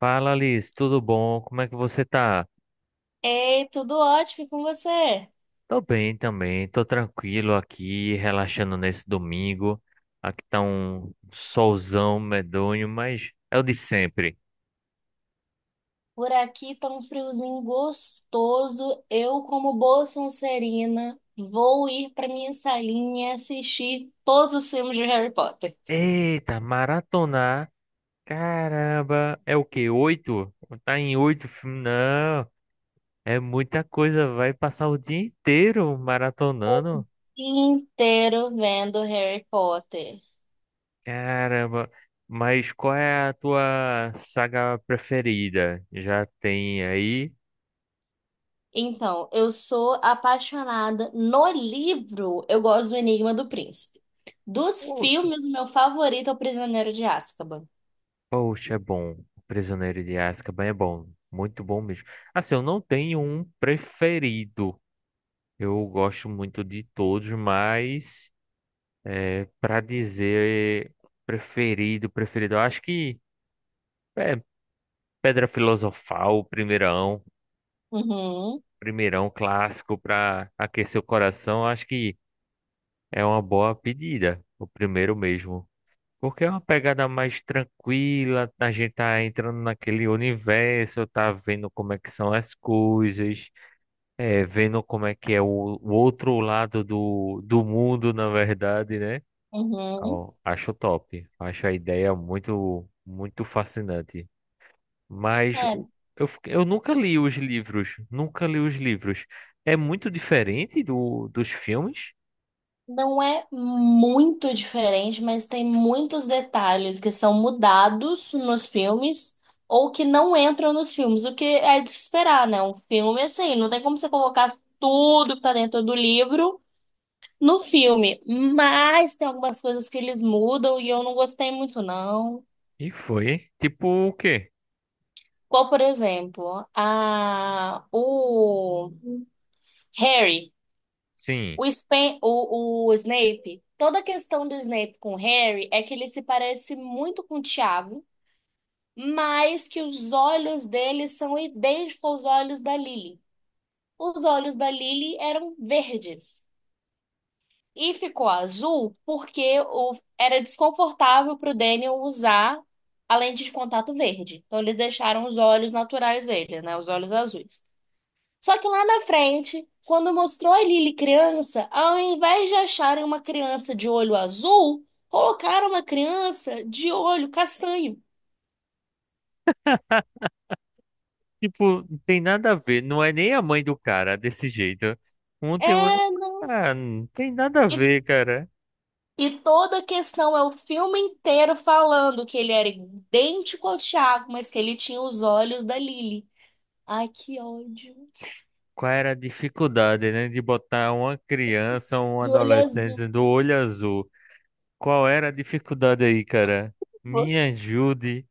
Fala, Alice, tudo bom? Como é que você tá? Ei, tudo ótimo e com você? Tô bem também, tô tranquilo aqui, relaxando nesse domingo. Aqui tá um solzão medonho, mas é o de sempre. Por aqui tá um friozinho gostoso. Eu, como boa sonserina, vou ir pra minha salinha e assistir todos os filmes de Harry Potter. Eita, maratonar, caramba, é o quê? Oito? Tá em oito filmes? Não, é muita coisa, vai passar o dia inteiro maratonando. Inteiro vendo Harry Potter. Caramba, mas qual é a tua saga preferida? Já tem aí? Então, eu sou apaixonada. No livro, eu gosto do Enigma do Príncipe. Dos filmes, o meu favorito é O Prisioneiro de Azkaban. Poxa, é bom. O Prisioneiro de Azkaban é bom. Muito bom mesmo. Assim, eu não tenho um preferido. Eu gosto muito de todos, mas para dizer preferido, preferido, eu acho que é Pedra Filosofal, o primeirão, Uhum, primeirão clássico para aquecer o coração, eu acho que é uma boa pedida. O primeiro mesmo. Porque é uma pegada mais tranquila, a gente tá entrando naquele universo, tá vendo como é que são as coisas, vendo como é que é o outro lado do mundo, na verdade, né? uhum. Ó, acho top, acho a ideia muito, muito fascinante. Mas É, eu nunca li os livros, nunca li os livros. É muito diferente dos filmes? não é muito diferente, mas tem muitos detalhes que são mudados nos filmes ou que não entram nos filmes, o que é de se esperar, né? Um filme assim, não tem como você colocar tudo que tá dentro do livro no filme, mas tem algumas coisas que eles mudam e eu não gostei muito, não. E foi, hein? Tipo o quê? Qual, por exemplo, a o Harry. Sim. O, Spen- o Snape, toda a questão do Snape com o Harry é que ele se parece muito com o Tiago, mas que os olhos dele são idênticos aos olhos da Lily. Os olhos da Lily eram verdes e ficou azul porque o- era desconfortável para o Daniel usar a lente de contato verde. Então eles deixaram os olhos naturais dele, né, os olhos azuis. Só que lá na frente, quando mostrou a Lily criança, ao invés de acharem uma criança de olho azul, colocaram uma criança de olho castanho. Tipo, não tem nada a ver. Não é nem a mãe do cara desse jeito. Um É, tem outro. Ah, não tem nada a e, ver, cara. e toda a questão é o filme inteiro falando que ele era idêntico ao Thiago, mas que ele tinha os olhos da Lily. Ai, que ódio. Qual era a dificuldade, né? De botar uma criança, um De olho azul. adolescente do olho azul. Qual era a dificuldade aí, cara? Me ajude.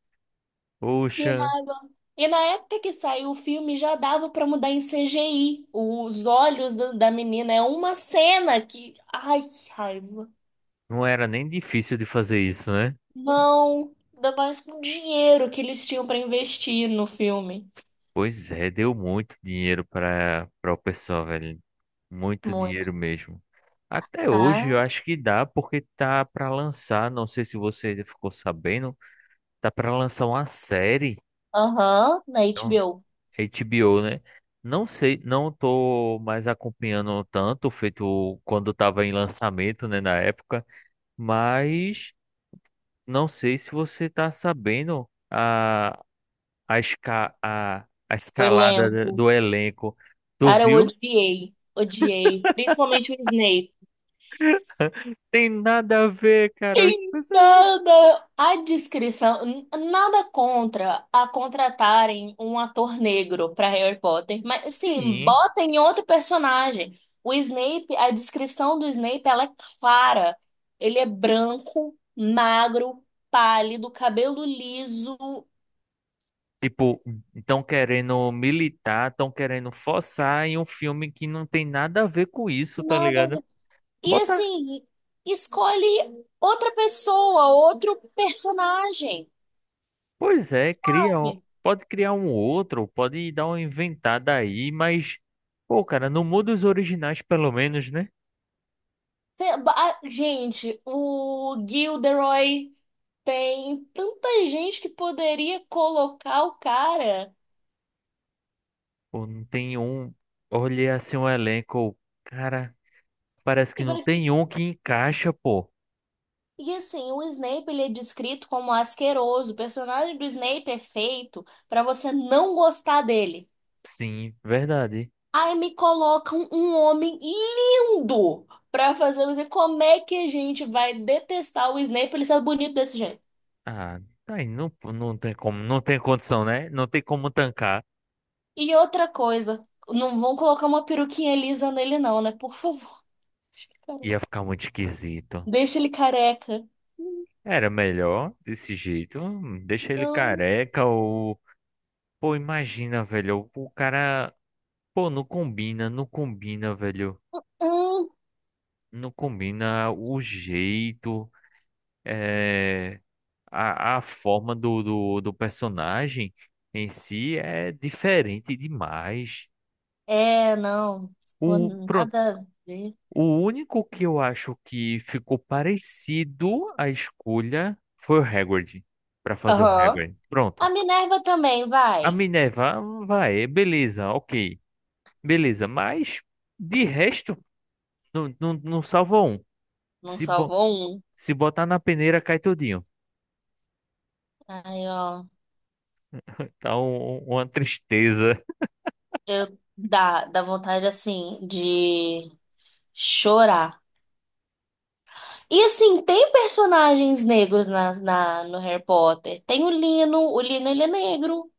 Que Poxa, raiva. E na época que saiu o filme já dava pra mudar em CGI. Os olhos da menina é uma cena que. Ai, que raiva. não era nem difícil de fazer isso, né? Não, ainda mais com o dinheiro que eles tinham pra investir no filme. Pois é, deu muito dinheiro para o pessoal, velho. Muito Muito, dinheiro mesmo. Até hoje eu tá? acho que dá, porque tá para lançar, não sei se você ficou sabendo, tá para lançar uma série, Aham, na então, HBO. HBO, né? Não sei, não tô mais acompanhando tanto, feito quando tava em lançamento, né, na época, mas não sei se você tá sabendo a, esca, a, a O escalada elenco. do elenco. Tu Cara, eu viu? odiei. Odiei. Principalmente o Snape. Tem nada a ver, cara. As Em nada a descrição, n- nada contra a contratarem um ator negro para Harry Potter, mas sim, Sim. botem outro personagem. O Snape, a descrição do Snape, ela é clara. Ele é branco, magro, pálido, cabelo liso, Tipo, estão querendo militar, estão querendo forçar em um filme que não tem nada a ver com isso, tá nada a ligado? ver. E Bota. assim, escolhe outra pessoa, outro personagem, Pois é, cria. Sabe? Pode criar um outro, pode dar uma inventada aí, mas. Pô, cara, não muda os originais, pelo menos, né? Cê- ba- ah, gente, o Gilderoy tem tanta gente que poderia colocar o cara Pô, não tem um. Olhei assim um elenco. Cara, parece que e não vai ficar. tem um que encaixa, pô. E assim, o Snape ele é descrito como asqueroso. O personagem do Snape é feito pra você não gostar dele. Sim, verdade. Aí me colocam um homem lindo pra fazer você. Como é que a gente vai detestar o Snape ele ser bonito desse jeito? Ah, tá aí não, não tem como, não tem condição, né? Não tem como tancar. E outra coisa, não vão colocar uma peruquinha lisa nele, não, né? Por favor. Ia ficar muito esquisito. Deixa ele careca. Era melhor desse jeito. Deixa ele Não. careca ou. Pô, imagina, velho. O cara. Pô, não combina, não combina, velho. Hum. Não combina o jeito, é... a forma do personagem em si é diferente demais. É, não. O, Pô, pronto, nada a ver. O único que eu acho que ficou parecido à escolha foi o Hagrid, para fazer o Aham. Hagrid. A Pronto. Minerva também, A vai. Minerva "Ah, vai, beleza, ok. Beleza, mas de resto, não, não, não salva um. Não Se, bo- salvou um. se botar na peneira, cai tudinho. Aí, ó. Tá uma tristeza. Eu dá, dá vontade, assim, de chorar. E, assim, tem personagens negros no Harry Potter. Tem o Lino. O Lino, ele é negro.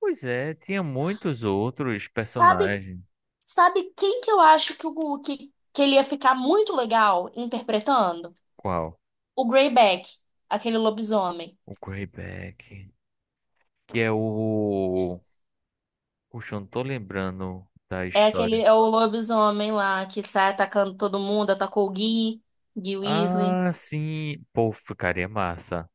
Pois é, tinha muitos outros Sabe, personagens. sabe quem que eu acho que, o, que ele ia ficar muito legal interpretando? Qual? O Greyback, aquele lobisomem. O Greyback, que é o... Puxa, eu não tô lembrando da É história. aquele, é o lobisomem lá que sai atacando todo mundo, atacou o Gui, Gui Weasley. Ah, sim. Pô, ficaria massa.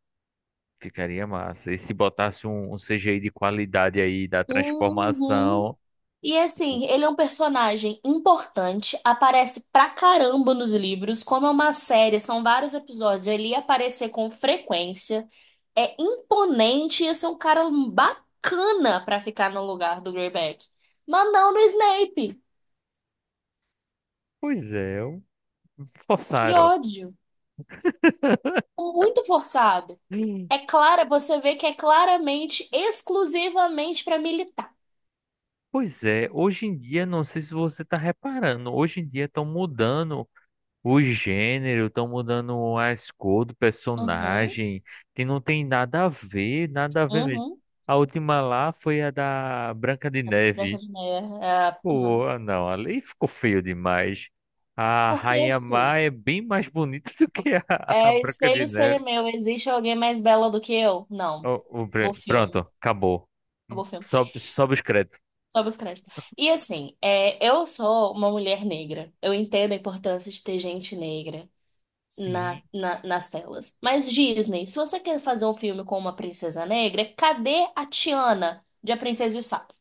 Ficaria massa. E se botasse um CGI de qualidade aí da Uhum. transformação? E assim, ele é um personagem importante, aparece pra caramba nos livros, como é uma série, são vários episódios, ele ia aparecer com frequência, é imponente, ia ser um cara bacana pra ficar no lugar do Greyback. Mas não no Snape, Pois é, que forçaram. ódio, muito forçado. Hum. É clara, você vê que é claramente, exclusivamente para militar. Pois é, hoje em dia, não sei se você tá reparando, hoje em dia estão mudando o gênero, estão mudando as cores do Uhum, personagem, que não tem nada a ver, nada a ver mesmo. uhum. A última lá foi a da Branca de Branca Neve. de Neve. É, Pô, não. ah, não, ali ficou feio demais. A Porque Rainha Má assim, é bem mais bonita do que a é, Branca espelho, de Neve. espelho meu, existe alguém mais bela do que eu? Não. O, o Acabou o Bran- pronto, filme, acabou. acabou o filme. Sobe, sobe os créditos. Sobe os créditos. E assim, é, eu sou uma mulher negra. Eu entendo a importância de ter gente negra Sim. Nas telas. Mas Disney, se você quer fazer um filme com uma princesa negra, cadê a Tiana de A Princesa e o Sapo?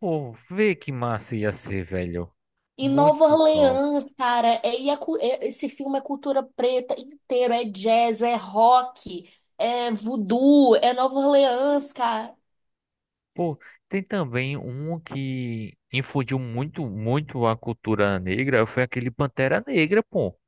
Pô, vê que massa ia ser, velho. Em Nova Muito top. Orleans, cara, é, e a cu- é- esse filme é cultura preta inteiro, é jazz, é rock, é voodoo, é Nova Orleans, cara. Pô, tem também um que infundiu muito, muito a cultura negra, foi aquele Pantera Negra, pô.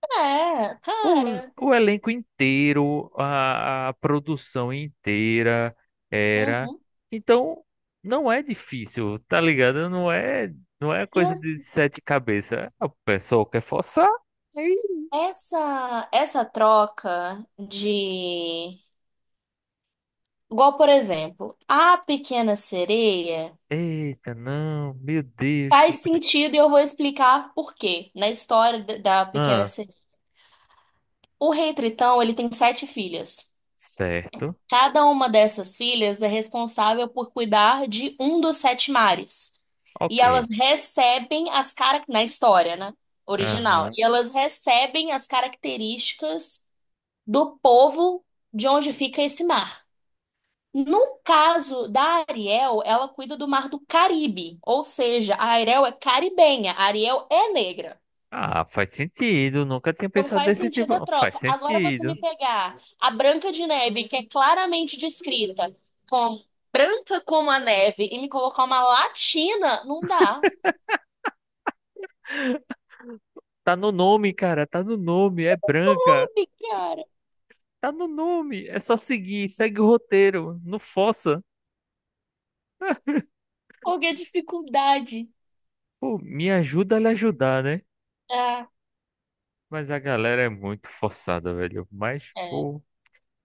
É, Pô, cara. o elenco inteiro, a produção inteira era. Uhum. Então, não é difícil, tá ligado? Não é E coisa de assim, sete cabeças. O pessoal quer forçar. aí- essa troca de. Igual, por exemplo, a Pequena Sereia Eita, não, meu Deus. faz sentido e eu vou explicar por quê na história da Pequena Ah, Sereia. O Rei Tritão, ele tem sete filhas. certo. Cada uma dessas filhas é responsável por cuidar de um dos sete mares. E Ok. elas recebem as cara... na história, né? Original. Aham. E elas recebem as características do povo de onde fica esse mar. No caso da Ariel, ela cuida do mar do Caribe, ou seja, a Ariel é caribenha, a Ariel é negra. Ah, faz sentido. Nunca tinha Então pensado faz desse sentido tipo. a Faz troca. Agora você sentido. me pegar a Branca de Neve, que é claramente descrita como branca como a neve, e me colocar uma latina, não dá. Tá no nome, cara. Tá no nome. É branca. Sabe, cara? Tá no nome, é só seguir, segue o roteiro, não força. Qual que é a dificuldade? Pô, me ajuda a lhe ajudar, né? Ah, Mas a galera é muito forçada, velho. Mas, é, pô,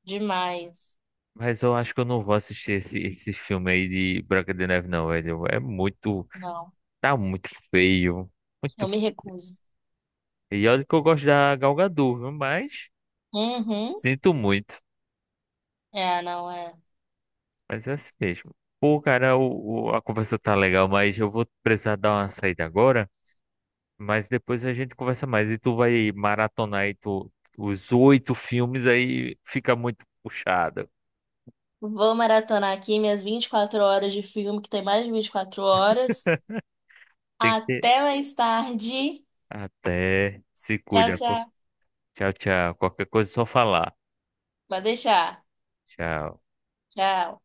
demais. mas eu acho que eu não vou assistir esse filme aí de Branca de Neve, não, velho. É muito, Não, tá muito feio, muito eu me feio. recuso. E olha que eu gosto da Gal Gadot, viu? Mas Uhum. sinto muito, É, não é. mas é assim mesmo. Pô, cara, a conversa tá legal, mas eu vou precisar dar uma saída agora. Mas depois a gente conversa mais. E tu vai maratonar aí os oito filmes, aí fica muito puxado. Vou maratonar aqui minhas 24 horas de filme, que tem mais de 24 horas. Tem que ter. Até mais tarde. Até se Tchau, cuida. Tchau. Tchau, tchau. Qualquer coisa é só falar. Vai deixar. Tchau. Tchau.